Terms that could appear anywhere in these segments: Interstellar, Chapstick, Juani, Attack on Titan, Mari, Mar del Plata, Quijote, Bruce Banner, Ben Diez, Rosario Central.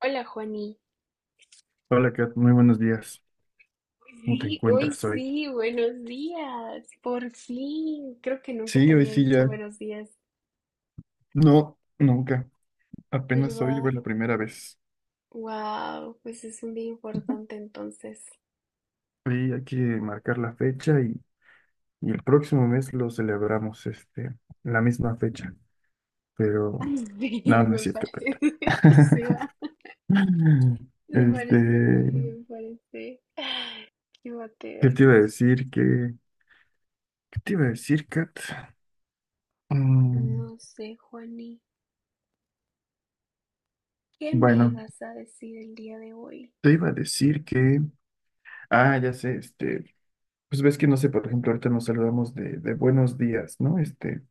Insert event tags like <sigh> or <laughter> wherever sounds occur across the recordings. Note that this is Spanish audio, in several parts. Hola, Juani. Hola Kat, muy buenos días. Hoy ¿Cómo te Sí, hoy encuentras hoy? sí, buenos días, por fin. Creo que nunca Sí, te hoy había sí dicho ya. buenos días, No, nunca. Apenas hoy fue ¿verdad? la primera vez. Wow, pues es un día importante entonces. Hoy hay que marcar la fecha y el próximo mes lo celebramos, la misma fecha. Pero Ay, sí, no, <laughs> no es me cierto, Kat. parece, <laughs> sí va. <laughs> Me Este, parece, Juani, me parece. Qué ¿qué batida, te iba a risa. decir? ¿Qué te iba a decir, Kat? Mm, No sé, Juani, ¿qué me bueno, ibas a decir el día de hoy? te iba a decir que, ah, ya sé. Pues ves que no sé, por ejemplo, ahorita nos saludamos de, buenos días, ¿no? Este,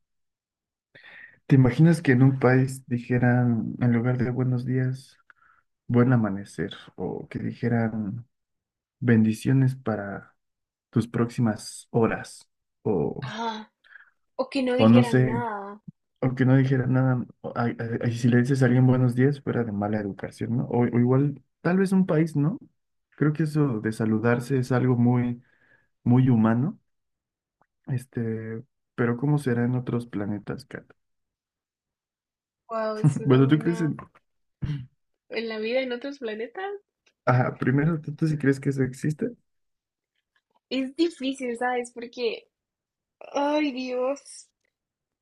¿te imaginas que en un país dijeran, en lugar de buenos días, buen amanecer, o que dijeran bendiciones para tus próximas horas, o, Ah, o que no o no dijera sé, nada. o que no dijeran nada, o y si le dices a alguien buenos días, fuera de mala educación, ¿no? O igual, tal vez un país, ¿no? Creo que eso de saludarse es algo muy, muy humano, este, pero ¿cómo será en otros planetas, Kat? Wow, es una Bueno, ¿tú crees buena... en... ¿En la vida en otros planetas? Ajá, primero, ¿tú sí crees que eso existe? Es difícil, ¿sabes? Porque, ay Dios,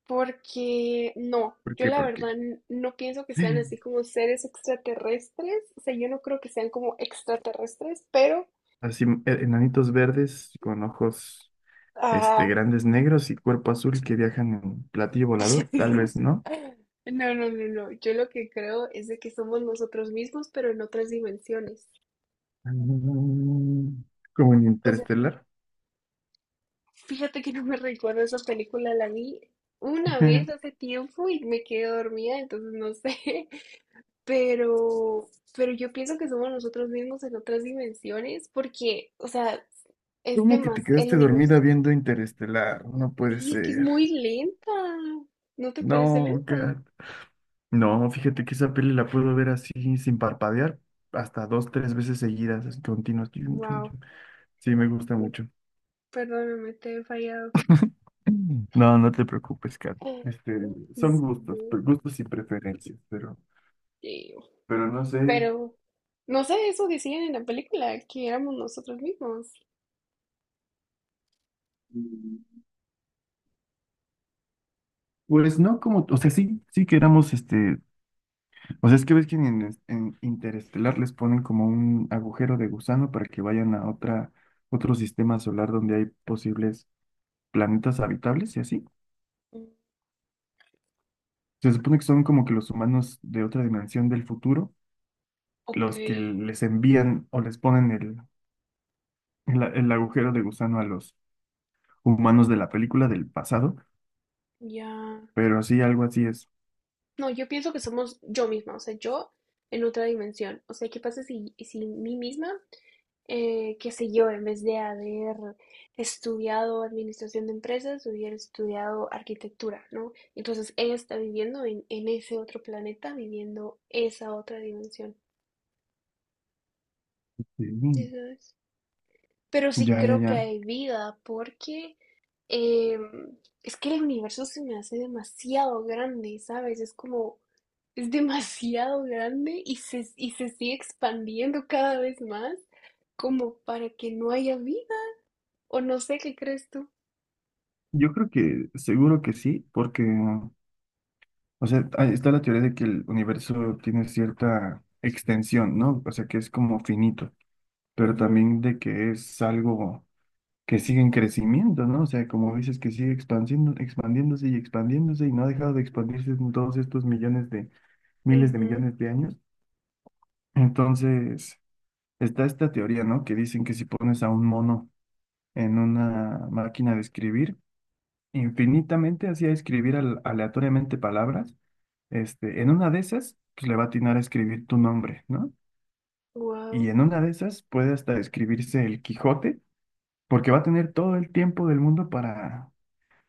porque no, ¿Por yo qué? la Porque verdad no pienso que sean así <gasps> como seres extraterrestres, o sea, yo no creo que sean como extraterrestres, pero, así, enanitos verdes con ojos ah, grandes negros y cuerpo azul que viajan en platillo volador, <laughs> tal vez, ¿no? no, no, no, no, yo lo que creo es de que somos nosotros mismos, pero en otras dimensiones. Mm, Como en O sea, Interestelar. fíjate que no me recuerdo esa película, la vi una vez <laughs> hace tiempo y me quedé dormida, entonces no sé. Pero, pero yo pienso que somos nosotros mismos en otras dimensiones porque, o sea, es de ¿Cómo que más te el quedaste universo. dormida viendo Interestelar? No puede Sí, es que es ser. muy lenta. ¿No te parece No, lenta? Kat. No, fíjate que esa peli la puedo ver así, sin parpadear, hasta dos, tres veces seguidas, así, continuas. Chum, chum, Wow. chum. Sí, me gusta mucho. Perdóname, te he fallado. No, no te preocupes, Kat. Ay, no. Son Sí, gustos, no, gustos y preferencias, pero, eh, pero no sé. pero, no sé, eso decían en la película, que éramos nosotros mismos. mm, Pues no como, o sea, sí, sí que éramos, o sea, es que ves que en Interestelar les ponen como un agujero de gusano para que vayan a otra, otro sistema solar donde hay posibles planetas habitables y así. Mm. Se supone que son como que los humanos de otra dimensión del futuro, Ok, los que les envían o les ponen el agujero de gusano humanos de la película del pasado, ya. pero sí, algo así es. No, yo pienso que somos yo misma, o sea, yo en otra dimensión. O sea, ¿qué pasa si mí misma qué sé yo, en vez de haber estudiado administración de empresas, hubiera estudiado arquitectura, ¿no? Entonces ella está viviendo en ese otro planeta, viviendo esa otra dimensión, Mm, ¿sí sabes? Pero sí Ya, ya, creo que ya. hay vida porque es que el universo se me hace demasiado grande, ¿sabes? Es como, es demasiado grande y se sigue expandiendo cada vez más como para que no haya vida. O no sé qué crees tú. Yo creo que seguro que sí, porque, o sea, ahí está la teoría de que el universo tiene cierta extensión, ¿no? O sea, que es como finito, pero Ujú, también de que es algo que sigue en crecimiento, ¿no? O sea, como dices, que sigue expandiendo, expandiéndose y expandiéndose y no ha dejado de expandirse en todos estos millones de, miles de ujú. millones de años. Entonces, está esta teoría, ¿no? Que dicen que si pones a un mono en una máquina de escribir infinitamente, hacía escribir aleatoriamente palabras. En una de esas, pues le va a atinar a escribir tu nombre, ¿no? Y Wow, en una de esas puede hasta escribirse el Quijote, porque va a tener todo el tiempo del mundo para...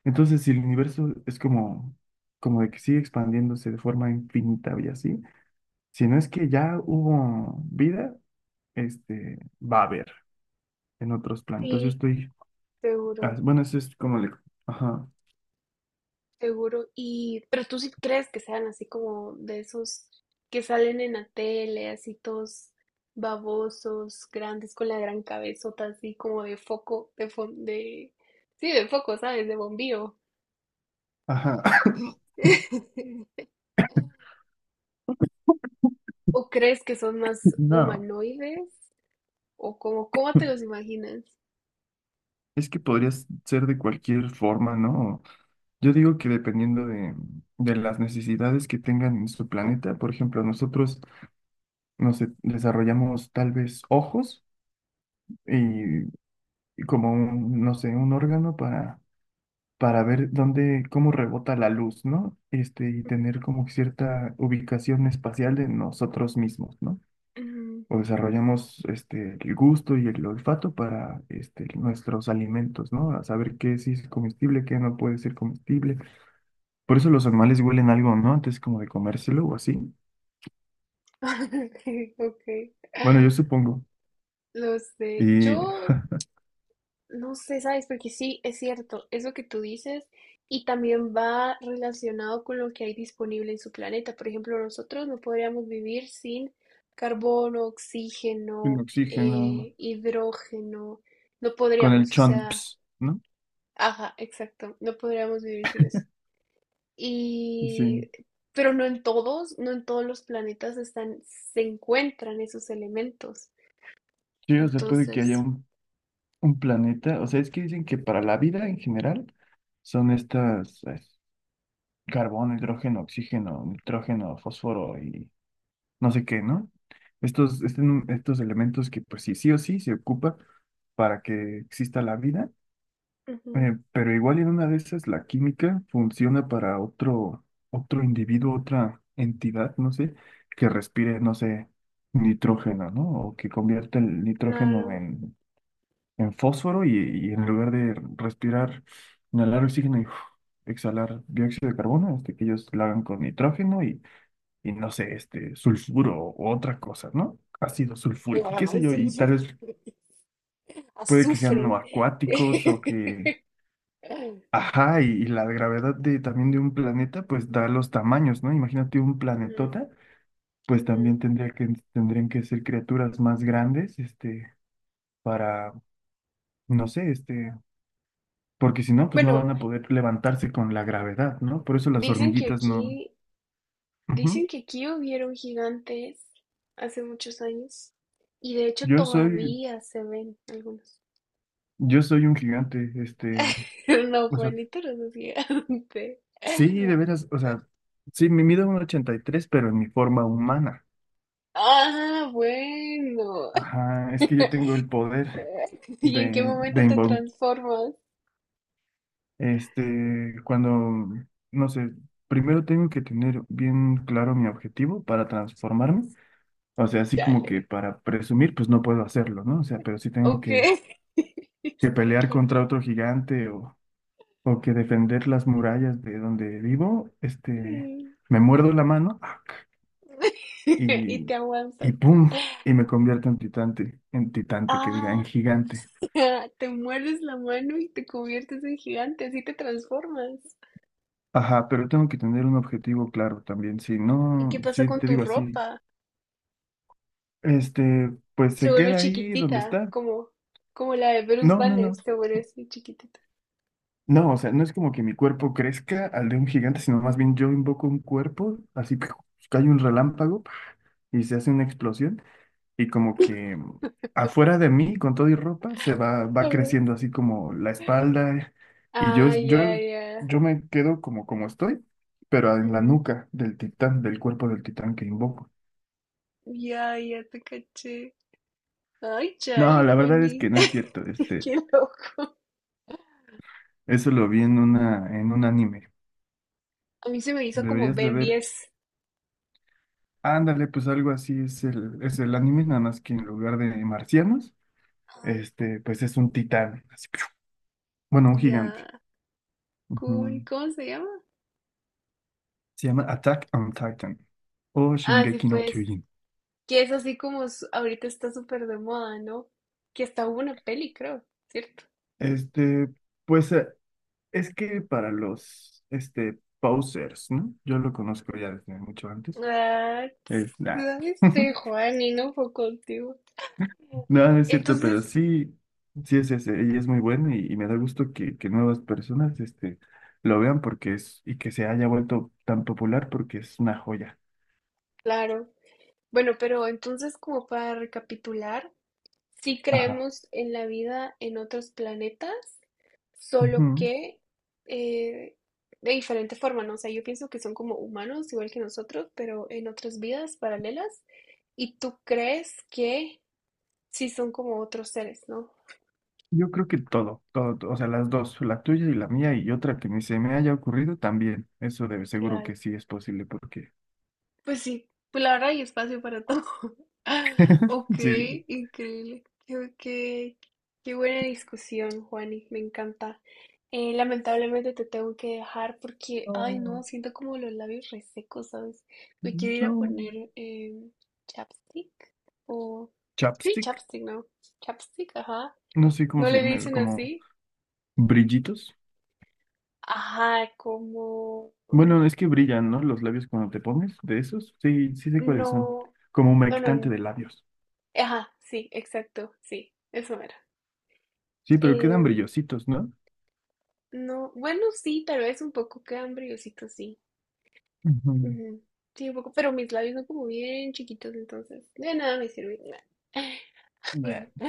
Entonces, si el universo es como de que sigue expandiéndose de forma infinita y así, si no es que ya hubo vida, va a haber en otros planetas. Yo sí, estoy... ah, seguro, bueno, eso es como le... Ajá, seguro. Y, pero tú sí crees que sean así como de esos que salen en la tele, así todos babosos, grandes, con la gran cabezota, así como de foco, sí, de foco, ¿sabes? De bombillo. ajá. <coughs> <laughs> ¿O crees que son más No, humanoides? ¿O cómo te los imaginas? es que podrías ser de cualquier forma, ¿no? Yo digo que dependiendo de, las necesidades que tengan en su planeta, por ejemplo, nosotros nos desarrollamos tal vez ojos y, y, como un, no sé, un órgano para ver dónde, cómo rebota la luz, ¿no? Y tener como cierta ubicación espacial de nosotros mismos, ¿no? Ujú. O desarrollamos el gusto y el olfato para nuestros alimentos, ¿no? A saber qué sí es comestible, qué no puede ser comestible. Por eso los animales huelen algo, ¿no? Antes como de comérselo o así. <laughs> Ok, Bueno, yo supongo. no sé. Y Yo No sé, ¿sabes? Porque sí, es cierto, eso que tú dices, y también va relacionado con lo que hay disponible en su planeta. Por ejemplo, nosotros no podríamos vivir sin carbono, sin oxígeno, oxígeno, hidrógeno, no con el podríamos, o sea, chomps, ¿no? ajá, exacto, no podríamos vivir sin eso. Y, Sí. pero no en todos, no en todos los planetas están, se encuentran esos elementos. Sí, o sea, puede que haya Entonces, un, planeta. O sea, es que dicen que para la vida en general son estas carbón, hidrógeno, oxígeno, nitrógeno, fósforo y no sé qué, ¿no? Estos, este- estos elementos que pues sí, sí o sí se ocupa para que exista la vida, ujú, pero igual en una de esas la química funciona para otro, individuo, otra entidad, no sé, que respire, no sé, nitrógeno, ¿no? O que convierta el nitrógeno claro. en, fósforo y en lugar de respirar, inhalar oxígeno y uf, exhalar dióxido de carbono, que ellos lo hagan con nitrógeno y no sé, sulfuro o otra cosa, ¿no? Ácido sulfúrico, qué Claro, sé yo, eso y es tal vez puede que sean Azufre. no acuáticos o <laughs> que, ajá, y la gravedad de, también de un planeta, pues da los tamaños, ¿no? Imagínate un Ujú, planetota, pues ujú. también tendría que, tendrían que ser criaturas más grandes, para, no sé, porque si no, pues no Bueno, van a poder levantarse con la gravedad, ¿no? Por eso las dicen que hormiguitas no. aquí, Ujú. dicen que aquí hubieron gigantes hace muchos años y de hecho Yo soy, todavía se ven algunos. yo soy un gigante, <laughs> No, o sea, Juanito no es gigante. sí, de veras, o sea, sí, me mido 1,83, pero en mi forma humana. Ah, bueno. Ajá, es que yo tengo el poder <laughs> ¿Y en qué de momento te invol- transformas? Este, cuando, no sé, primero tengo que tener bien claro mi objetivo para transformarme. O sea, así como que Chale. para presumir, pues no puedo hacerlo, ¿no? O sea, pero sí tengo Ok. que, <laughs> que Este pelear Juan. contra otro gigante o que defender las murallas de donde vivo. Este, <laughs> me muerdo la mano Y y, te y aguantas. ¡pum! Y me convierto en titante, que diga, Ah, en gigante. <laughs> te muerdes la mano y te conviertes en gigante, así te transformas. Ajá, pero tengo que tener un objetivo claro también. Si ¿Y qué no, pasa si con te tu digo así, ropa? Pues Se se vuelve queda ahí donde chiquitita, está. como, como la de Bruce No, no, Banner, no. se vuelve así chiquitita. No, o sea, no es como que mi cuerpo crezca al de un gigante, sino más bien yo invoco un cuerpo, así, ¡piu! Cae un relámpago y se hace una explosión y como que afuera de mí, con todo y ropa, va Ujú. creciendo así como la espalda y yo, Ah, ya, yo, ya. yo me quedo como estoy, pero en la Ujú. nuca del titán, del cuerpo del titán que invoco. Ya, ya te caché. Ay, No, chale, la verdad es que Connie. no es cierto, <laughs> Qué loco. eso lo vi en una, en un anime. A mí se me hizo como Deberías de Ben ver, diez. ándale, pues algo así es es el anime, nada más que en lugar de marcianos, Ajá. Pues es un titán, así, <smacks lips> bueno, un gigante. Ya, cool. Ujú. ¿Cómo se llama? Se llama Attack on Titan o Ah, sí, Shingeki no pues. Kyojin. Que es así como ahorita está súper de moda, ¿no? Que hasta hubo una peli, creo, ¿cierto? Este, pues es que para los posers, ¿no? Yo lo conozco ya desde mucho antes. Ah, Nah. este <laughs> Juan y no fue contigo. No, no es cierto, pero Entonces, sí, sí es ese, y es muy bueno, y, me da gusto que nuevas personas lo vean porque es, y que se haya vuelto tan popular porque es una joya. claro. Bueno, pero entonces como para recapitular, sí Ajá. creemos en la vida en otros planetas, solo Ujú. que eh, de diferente forma, ¿no? O sea, yo pienso que son como humanos, igual que nosotros, pero en otras vidas paralelas. Y tú crees que sí son como otros seres, ¿no? Yo creo que todo, todo, todo, o sea, las dos, la tuya y la mía y otra que ni se me haya ocurrido también. Eso debe, seguro Claro, que sí es posible porque pues sí, pues la verdad hay espacio para todo. <laughs> Ok, sí. increíble. Qué, qué buena discusión, Juani, me encanta. Lamentablemente te tengo que dejar porque, ay no, No, siento como los labios resecos, ¿sabes? Me quiero ir a no. poner chapstick o... Sí, Chapstick, chapstick, ¿no? Chapstick, ajá. no sé cómo ¿No se le llama, dicen como así? brillitos. Ajá, como... Bueno, es que brillan, ¿no? Los labios cuando te pones de esos. Sí, sí sé cuáles son. No, Como no, no, humectante no. de labios. Ajá, sí, exacto, sí, eso era. Sí, pero Eh, quedan brillositos, ¿no? no, bueno, sí, tal vez un poco cambriosito, sí. Ujú. Ujú, sí, un poco, pero mis labios son como bien chiquitos, entonces de nada me sirve. Bleh. <laughs>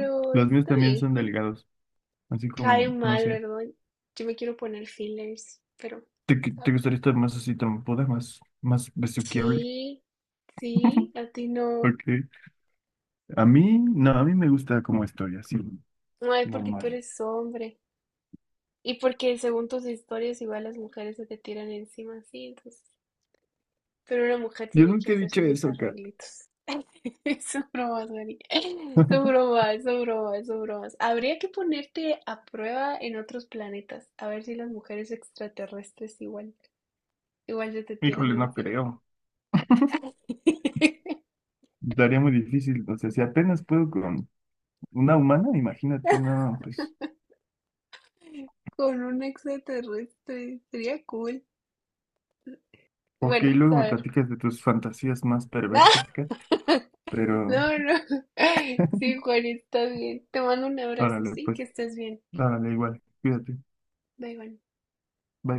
<laughs> Los míos está también bien, son bueno, delgados, así cae como, no mal, sé. ¿verdad? Yo me quiero poner fillers, pero ¿Te, qui- a te ver. gustaría estar más así trompuda, más, más besuqueable? Sí, sí, a ti no. Porque a mí, no, a mí me gusta como estoy, así, No es porque tú normal. eres hombre y porque según tus historias igual las mujeres se te tiran encima, sí, entonces pero una mujer Yo tiene que nunca he dicho hacerse sus eso, Kat. arreglitos. <laughs> Son bromas, Mari. <laughs> Son <laughs> bromas, son bromas, son bromas. Habría que ponerte a prueba en otros planetas. A ver si las mujeres extraterrestres igual, igual se te tiran Híjole, no encima. creo. <laughs> Daría muy difícil. O sea, si apenas puedo con una humana, imagínate, no, pues. Con un extraterrestre. Sería cool. Ok, Bueno, a luego me ver. platicas de tus fantasías más perversas, <laughs> Kat. Pero, No, no. Sí, Juan, estás bien. Te mando un abrazo, órale, sí, pues, que estés bien. órale, igual. Cuídate. Bye, Juan. Bye.